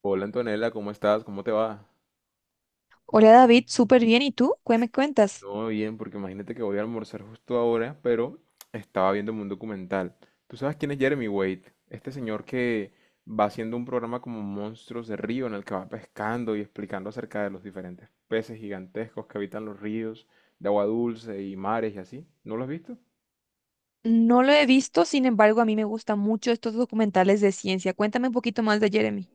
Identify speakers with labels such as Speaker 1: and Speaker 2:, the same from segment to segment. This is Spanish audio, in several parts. Speaker 1: Hola Antonella, ¿cómo estás? ¿Cómo te va?
Speaker 2: Hola David, súper bien. ¿Y tú? ¿Qué me cuentas?
Speaker 1: No, bien, porque imagínate que voy a almorzar justo ahora, pero estaba viéndome un documental. ¿Tú sabes quién es Jeremy Wade? Este señor que va haciendo un programa como Monstruos de Río en el que va pescando y explicando acerca de los diferentes peces gigantescos que habitan los ríos de agua dulce y mares y así. ¿No lo has visto?
Speaker 2: No lo he visto, sin embargo, a mí me gustan mucho estos documentales de ciencia. Cuéntame un poquito más de Jeremy.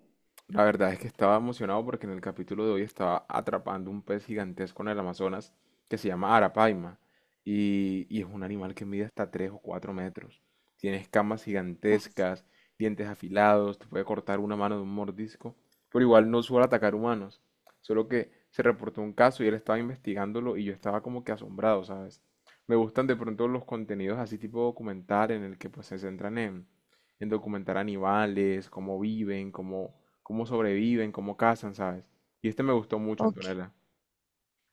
Speaker 1: La verdad es que estaba emocionado porque en el capítulo de hoy estaba atrapando un pez gigantesco en el Amazonas que se llama arapaima y es un animal que mide hasta 3 o 4 metros. Tiene escamas
Speaker 2: Uf.
Speaker 1: gigantescas, dientes afilados, te puede cortar una mano de un mordisco, pero igual no suele atacar humanos. Solo que se reportó un caso y él estaba investigándolo y yo estaba como que asombrado, ¿sabes? Me gustan de pronto los contenidos así tipo documental en el que pues se centran en documentar animales, cómo viven, cómo sobreviven, cómo cazan, ¿sabes? Y este me gustó mucho,
Speaker 2: Ok.
Speaker 1: Antonella.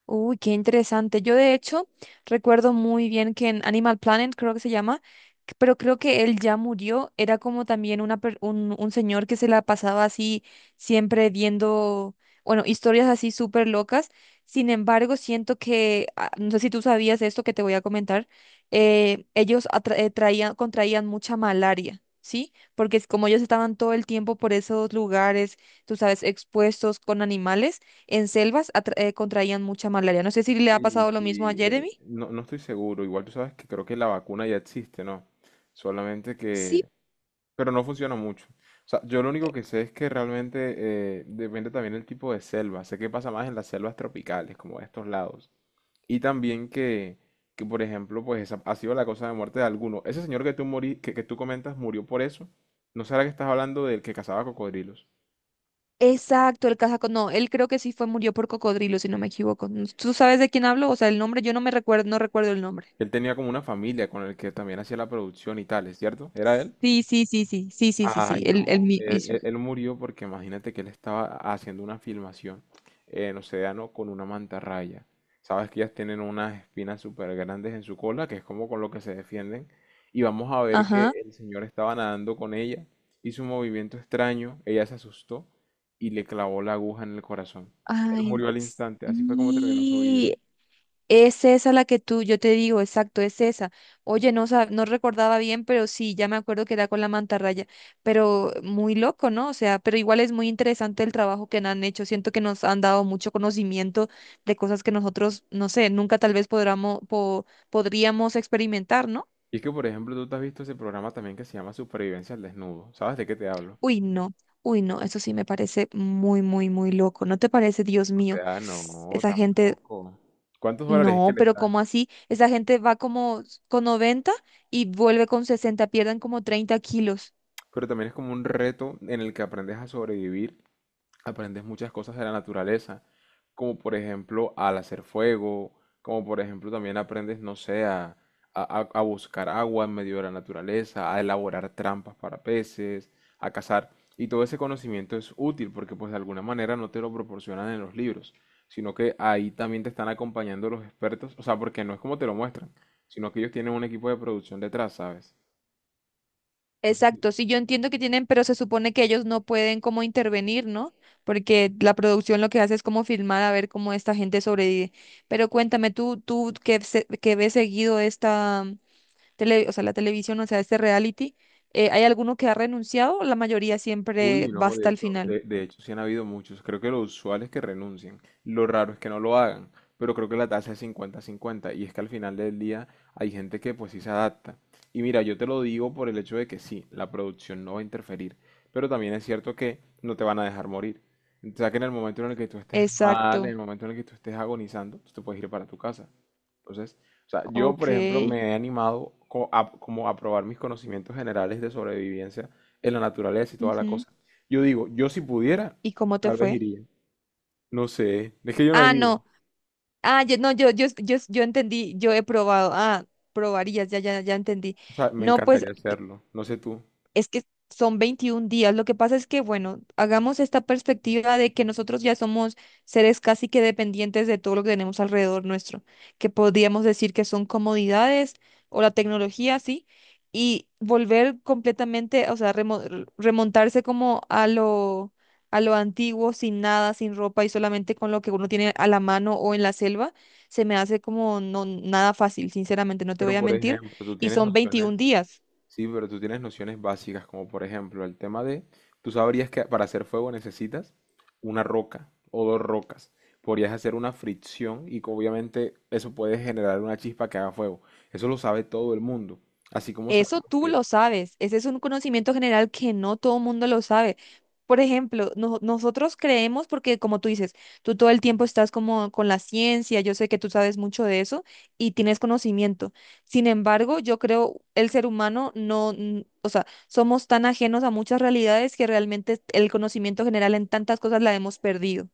Speaker 2: Uy, qué interesante. Yo de hecho recuerdo muy bien que en Animal Planet, creo que se llama, pero creo que él ya murió. Era como también un señor que se la pasaba así siempre viendo, bueno, historias así súper locas. Sin embargo, siento que, ah, no sé si tú sabías esto que te voy a comentar, ellos traían, contraían mucha malaria. ¿Sí? Porque es como ellos estaban todo el tiempo por esos lugares, tú sabes, expuestos con animales en selvas contraían mucha malaria. No sé si le ha
Speaker 1: Sí,
Speaker 2: pasado lo mismo a
Speaker 1: sí,
Speaker 2: Jeremy.
Speaker 1: no, no estoy seguro. Igual tú sabes que creo que la vacuna ya existe, ¿no? Solamente
Speaker 2: Sí,
Speaker 1: que... Pero no funciona mucho. O sea, yo lo único que sé es que realmente depende también del tipo de selva. Sé que pasa más en las selvas tropicales, como de estos lados. Y también que, por ejemplo, pues esa ha sido la causa de muerte de alguno. Ese señor que tú, que tú comentas murió por eso. ¿No será que estás hablando del que cazaba cocodrilos?
Speaker 2: exacto, el cazaco. No, él creo que sí fue, murió por cocodrilo, si no me equivoco. ¿Tú sabes de quién hablo? O sea, el nombre, yo no me recuerdo, no recuerdo el nombre.
Speaker 1: Él tenía como una familia con el que también hacía la producción y tales, ¿cierto? ¿Era él?
Speaker 2: Sí, sí, sí, sí, sí, sí, sí, sí,
Speaker 1: Ay,
Speaker 2: el, el
Speaker 1: no,
Speaker 2: mi-
Speaker 1: él,
Speaker 2: mismo.
Speaker 1: él- él murió porque imagínate que él estaba haciendo una filmación en Océano con una mantarraya. Sabes que ellas tienen unas espinas súper grandes en su cola, que es como con lo que se defienden. Y vamos a ver
Speaker 2: Ajá.
Speaker 1: que el señor estaba nadando con ella, hizo un movimiento extraño, ella se asustó y le clavó la aguja en el corazón. Él
Speaker 2: Ay,
Speaker 1: murió al instante, así fue como terminó su vida.
Speaker 2: sí. Es esa la que tú, yo te digo, exacto, es esa. Oye, no, no recordaba bien, pero sí, ya me acuerdo que era con la mantarraya, pero muy loco, ¿no? O sea, pero igual es muy interesante el trabajo que han hecho. Siento que nos han dado mucho conocimiento de cosas que nosotros, no sé, nunca tal vez podríamos experimentar, ¿no?
Speaker 1: Y es que, por ejemplo, tú te has visto ese programa también que se llama Supervivencia al Desnudo. ¿Sabes de qué te hablo?
Speaker 2: Uy, no, uy, no, eso sí me parece muy, muy, muy loco. ¿No te parece, Dios
Speaker 1: O
Speaker 2: mío?
Speaker 1: sea, no,
Speaker 2: Esa gente.
Speaker 1: tampoco. ¿Cuántos dólares es que
Speaker 2: No,
Speaker 1: les
Speaker 2: pero ¿cómo
Speaker 1: dan?
Speaker 2: así? Esa gente va como con 90 y vuelve con 60, pierden como 30 kilos.
Speaker 1: Pero también es como un reto en el que aprendes a sobrevivir, aprendes muchas cosas de la naturaleza, como por ejemplo al hacer fuego, como por ejemplo también aprendes, no sé, buscar agua en medio de la naturaleza, a elaborar trampas para peces, a cazar. Y todo ese conocimiento es útil porque pues de alguna manera no te lo proporcionan en los libros, sino que ahí también te están acompañando los expertos, o sea, porque no es como te lo muestran, sino que ellos tienen un equipo de producción detrás, ¿sabes? No.
Speaker 2: Exacto, sí, yo entiendo que tienen, pero se supone que ellos no pueden como intervenir, ¿no? Porque la producción lo que hace es como filmar a ver cómo esta gente sobrevive. Pero cuéntame tú, que ves seguido esta tele, o sea, la televisión, o sea, este reality, ¿hay alguno que ha renunciado o la mayoría siempre
Speaker 1: Uy,
Speaker 2: va
Speaker 1: no, de
Speaker 2: hasta el
Speaker 1: hecho,
Speaker 2: final?
Speaker 1: de hecho sí han habido muchos. Creo que lo usual es que renuncien. Lo raro es que no lo hagan. Pero creo que la tasa es 50 cincuenta. Y es que al final del día hay gente que pues sí se adapta. Y mira, yo te lo digo por el hecho de que sí, la producción no va a interferir. Pero también es cierto que no te van a dejar morir. O sea que en el momento en el que tú estés mal, en
Speaker 2: Exacto,
Speaker 1: el momento en el que tú estés agonizando, tú te puedes ir para tu casa. Entonces, o sea, yo por ejemplo
Speaker 2: ok.
Speaker 1: me he animado como a probar mis conocimientos generales de sobrevivencia en la naturaleza y toda la
Speaker 2: Ujú.
Speaker 1: cosa. Yo digo, yo si pudiera,
Speaker 2: ¿Y cómo te
Speaker 1: tal vez
Speaker 2: fue?
Speaker 1: iría. No sé, es que yo no he
Speaker 2: Ah,
Speaker 1: ido.
Speaker 2: no. Ah, yo, no, yo entendí, yo he probado. Ah, probarías, ya, ya, ya entendí.
Speaker 1: O sea, me
Speaker 2: No, pues.
Speaker 1: encantaría hacerlo, no sé tú.
Speaker 2: Es que son 21 días. Lo que pasa es que, bueno, hagamos esta perspectiva de que nosotros ya somos seres casi que dependientes de todo lo que tenemos alrededor nuestro, que podríamos decir que son comodidades o la tecnología, sí, y volver completamente, o sea, remontarse como a lo antiguo, sin nada, sin ropa y solamente con lo que uno tiene a la mano o en la selva, se me hace como no nada fácil, sinceramente, no te voy
Speaker 1: Pero
Speaker 2: a
Speaker 1: por
Speaker 2: mentir,
Speaker 1: ejemplo, tú
Speaker 2: y
Speaker 1: tienes
Speaker 2: son
Speaker 1: nociones,
Speaker 2: 21 días.
Speaker 1: sí, pero tú tienes nociones básicas, como por ejemplo el tema de, tú sabrías que para hacer fuego necesitas una roca o dos rocas. Podrías hacer una fricción y que obviamente eso puede generar una chispa que haga fuego. Eso lo sabe todo el mundo. Así como
Speaker 2: Eso
Speaker 1: sabemos
Speaker 2: tú
Speaker 1: que...
Speaker 2: lo sabes, ese es un conocimiento general que no todo el mundo lo sabe. Por ejemplo, nosotros creemos, porque como tú dices, tú todo el tiempo estás como con la ciencia, yo sé que tú sabes mucho de eso y tienes conocimiento. Sin embargo, yo creo el ser humano no, n- o sea, somos tan ajenos a muchas realidades que realmente el conocimiento general en tantas cosas la hemos perdido.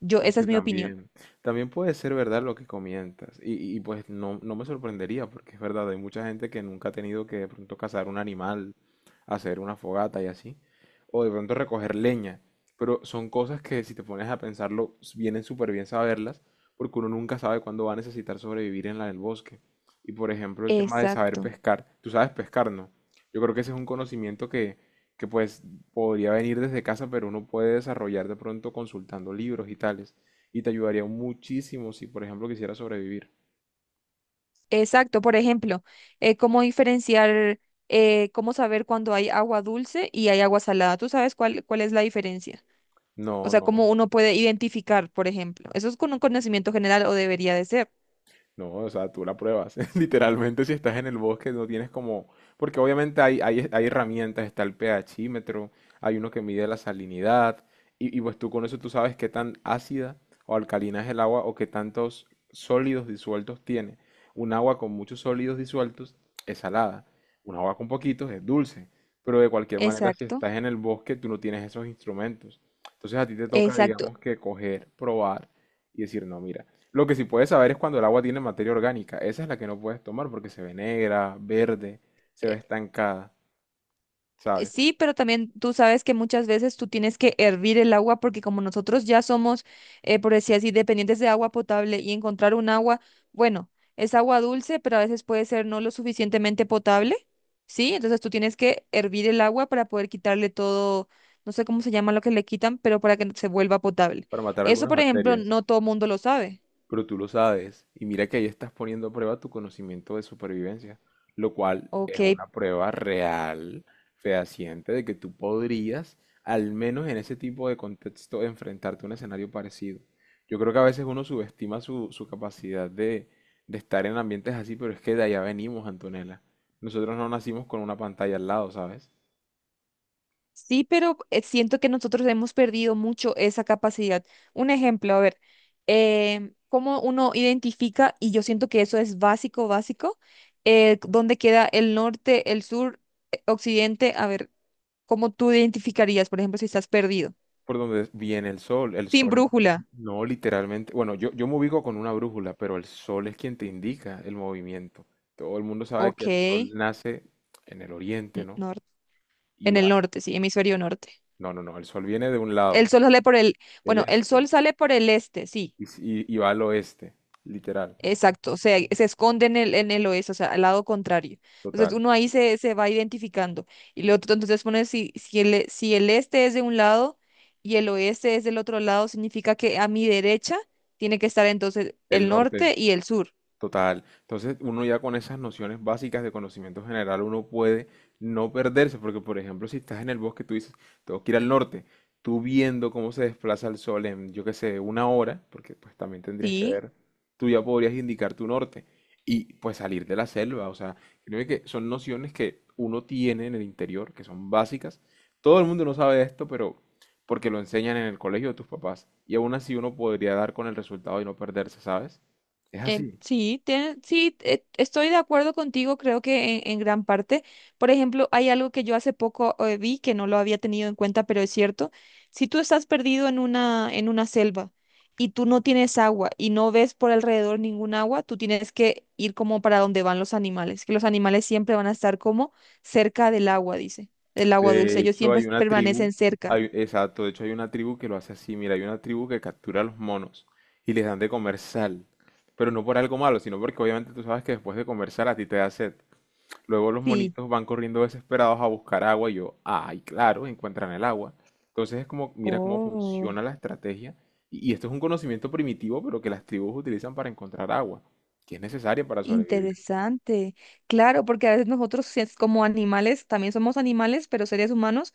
Speaker 2: Yo, esa es
Speaker 1: Porque
Speaker 2: mi opinión.
Speaker 1: también, también puede ser verdad lo que comentas. Y pues no, no me sorprendería, porque es verdad, hay mucha gente que nunca ha tenido que de pronto cazar un animal, hacer una fogata y así, o de pronto recoger leña. Pero son cosas que si te pones a pensarlo, vienen súper bien saberlas, porque uno nunca sabe cuándo va a necesitar sobrevivir en la del bosque. Y por ejemplo, el tema de saber
Speaker 2: Exacto.
Speaker 1: pescar. Tú sabes pescar, ¿no? Yo creo que ese es un conocimiento que pues podría venir desde casa, pero uno puede desarrollar de pronto consultando libros y tales. Y te ayudaría muchísimo si, por ejemplo, quisieras sobrevivir.
Speaker 2: Exacto, por ejemplo, cómo diferenciar, cómo saber cuando hay agua dulce y hay agua salada. ¿Tú sabes cuál, cuál es la diferencia? O
Speaker 1: No,
Speaker 2: sea,
Speaker 1: no.
Speaker 2: cómo uno puede identificar, por ejemplo. Eso es con un conocimiento general o debería de ser.
Speaker 1: No, o sea, tú la pruebas. Literalmente, si estás en el bosque, no tienes como. Porque obviamente hay herramientas, está el pHímetro, hay uno que mide la salinidad, y pues tú con eso tú sabes qué tan ácida o alcalina es el agua o qué tantos sólidos disueltos tiene. Un agua con muchos sólidos disueltos es salada, un agua con poquitos es dulce, pero de cualquier manera, si
Speaker 2: Exacto,
Speaker 1: estás en el bosque, tú no tienes esos instrumentos. Entonces a ti te toca,
Speaker 2: exacto.
Speaker 1: digamos, que coger, probar y decir, no, mira, lo que sí puedes saber es cuando el agua tiene materia orgánica. Esa es la que no puedes tomar porque se ve negra, verde, se ve estancada, ¿sabes?
Speaker 2: Sí, pero también tú sabes que muchas veces tú tienes que hervir el agua porque como nosotros ya somos, por decir así, dependientes de agua potable y encontrar un agua, bueno, es agua dulce, pero a veces puede ser no lo suficientemente potable, ¿sí? Entonces tú tienes que hervir el agua para poder quitarle todo, no sé cómo se llama lo que le quitan, pero para que se vuelva potable.
Speaker 1: Para matar
Speaker 2: Eso,
Speaker 1: algunas
Speaker 2: por ejemplo,
Speaker 1: bacterias.
Speaker 2: no todo mundo lo sabe.
Speaker 1: Pero tú lo sabes. Y mira que ahí estás poniendo a prueba tu conocimiento de supervivencia, lo cual es
Speaker 2: Ok,
Speaker 1: una prueba real, fehaciente, de que tú podrías, al menos en ese tipo de contexto, enfrentarte a un escenario parecido. Yo creo que a veces uno subestima su capacidad de estar en ambientes así, pero es que de allá venimos, Antonella. Nosotros no nacimos con una pantalla al lado, ¿sabes?
Speaker 2: sí, pero siento que nosotros hemos perdido mucho esa capacidad. Un ejemplo, a ver, cómo uno identifica, y yo siento que eso es básico, básico, dónde queda el norte, el sur, occidente, a ver, cómo tú identificarías, por ejemplo, si estás perdido,
Speaker 1: Por donde viene el sol. El
Speaker 2: sin
Speaker 1: sol,
Speaker 2: brújula,
Speaker 1: no literalmente. Bueno, yo me ubico con una brújula, pero el sol es quien te indica el movimiento. Todo el mundo sabe que
Speaker 2: ok,
Speaker 1: el sol nace en el oriente, ¿no?
Speaker 2: nor-
Speaker 1: Y
Speaker 2: en
Speaker 1: va.
Speaker 2: el norte, sí, hemisferio norte.
Speaker 1: No, no, no. El sol viene de un lado,
Speaker 2: El sol sale por
Speaker 1: del
Speaker 2: bueno, el
Speaker 1: este,
Speaker 2: sol sale por el este, sí.
Speaker 1: y va al oeste, literal,
Speaker 2: Exacto, se esconde en en el oeste, o sea, al lado contrario. Entonces
Speaker 1: total.
Speaker 2: uno ahí se, se va identificando. Y lo otro, entonces pone si el este es de un lado y el oeste es del otro lado, significa que a mi derecha tiene que estar entonces
Speaker 1: El
Speaker 2: el
Speaker 1: norte.
Speaker 2: norte y el sur.
Speaker 1: Total. Entonces, uno ya con esas nociones básicas de conocimiento general, uno puede no perderse, porque por ejemplo, si estás en el bosque, tú dices, tengo que ir al norte, tú viendo cómo se desplaza el sol en, yo qué sé, una hora, porque pues también tendrías que
Speaker 2: Sí.
Speaker 1: ver, tú ya podrías indicar tu norte y pues salir de la selva. O sea, creo que son nociones que uno tiene en el interior, que son básicas. Todo el mundo no sabe esto, pero porque lo enseñan en el colegio de tus papás. Y aún así uno podría dar con el resultado y no perderse, ¿sabes? Es así.
Speaker 2: Sí, estoy de acuerdo contigo, creo que en gran parte. Por ejemplo, hay algo que yo hace poco vi que no lo había tenido en cuenta, pero es cierto. Si tú estás perdido en en una selva y tú no tienes agua y no ves por alrededor ningún agua, tú tienes que ir como para donde van los animales, que los animales siempre van a estar como cerca del agua, dice, del agua
Speaker 1: De
Speaker 2: dulce. Ellos
Speaker 1: hecho,
Speaker 2: siempre
Speaker 1: hay una tribu,
Speaker 2: permanecen cerca.
Speaker 1: exacto, de hecho hay una tribu que lo hace así. Mira, hay una tribu que captura a los monos y les dan de comer sal. Pero no por algo malo, sino porque obviamente tú sabes que después de comer sal a ti te da sed. Luego los
Speaker 2: Sí.
Speaker 1: monitos van corriendo desesperados a buscar agua y yo, ay, claro, encuentran el agua. Entonces es como, mira cómo
Speaker 2: Oh.
Speaker 1: funciona la estrategia. Y esto es un conocimiento primitivo, pero que las tribus utilizan para encontrar agua, que es necesaria para sobrevivir.
Speaker 2: Interesante, claro, porque a veces nosotros si es como animales, también somos animales, pero seres humanos,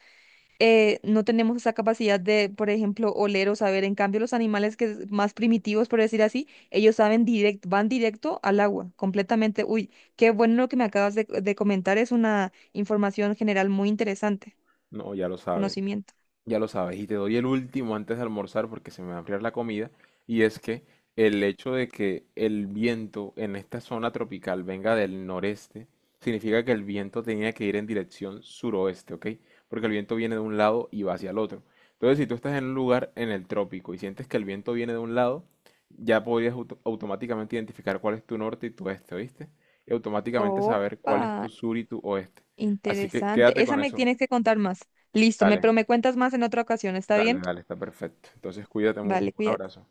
Speaker 2: no tenemos esa capacidad de, por ejemplo, oler o saber. En cambio, los animales que es más primitivos, por decir así, ellos saben directo, van directo al agua, completamente. Uy, qué bueno lo que me acabas de comentar, es una información general muy interesante,
Speaker 1: No, ya lo sabes.
Speaker 2: conocimiento.
Speaker 1: Ya lo sabes, y te doy el último antes de almorzar porque se me va a enfriar la comida, y es que el hecho de que el viento en esta zona tropical venga del noreste, significa que el viento tenía que ir en dirección suroeste, ¿ok? Porque el viento viene de un lado y va hacia el otro. Entonces, si tú estás en un lugar en el trópico y sientes que el viento viene de un lado, ya podrías automáticamente identificar cuál es tu norte y tu este, ¿oíste? Y automáticamente saber
Speaker 2: Opa,
Speaker 1: cuál es, tu sur y tu oeste. Así que
Speaker 2: interesante.
Speaker 1: quédate
Speaker 2: Esa
Speaker 1: con
Speaker 2: me
Speaker 1: eso.
Speaker 2: tienes que contar más. Listo, me,
Speaker 1: Dale.
Speaker 2: pero me cuentas más en otra ocasión, ¿está
Speaker 1: Dale,
Speaker 2: bien?
Speaker 1: dale, está perfecto. Entonces cuídate mucho.
Speaker 2: Vale,
Speaker 1: Un
Speaker 2: cuídate.
Speaker 1: abrazo.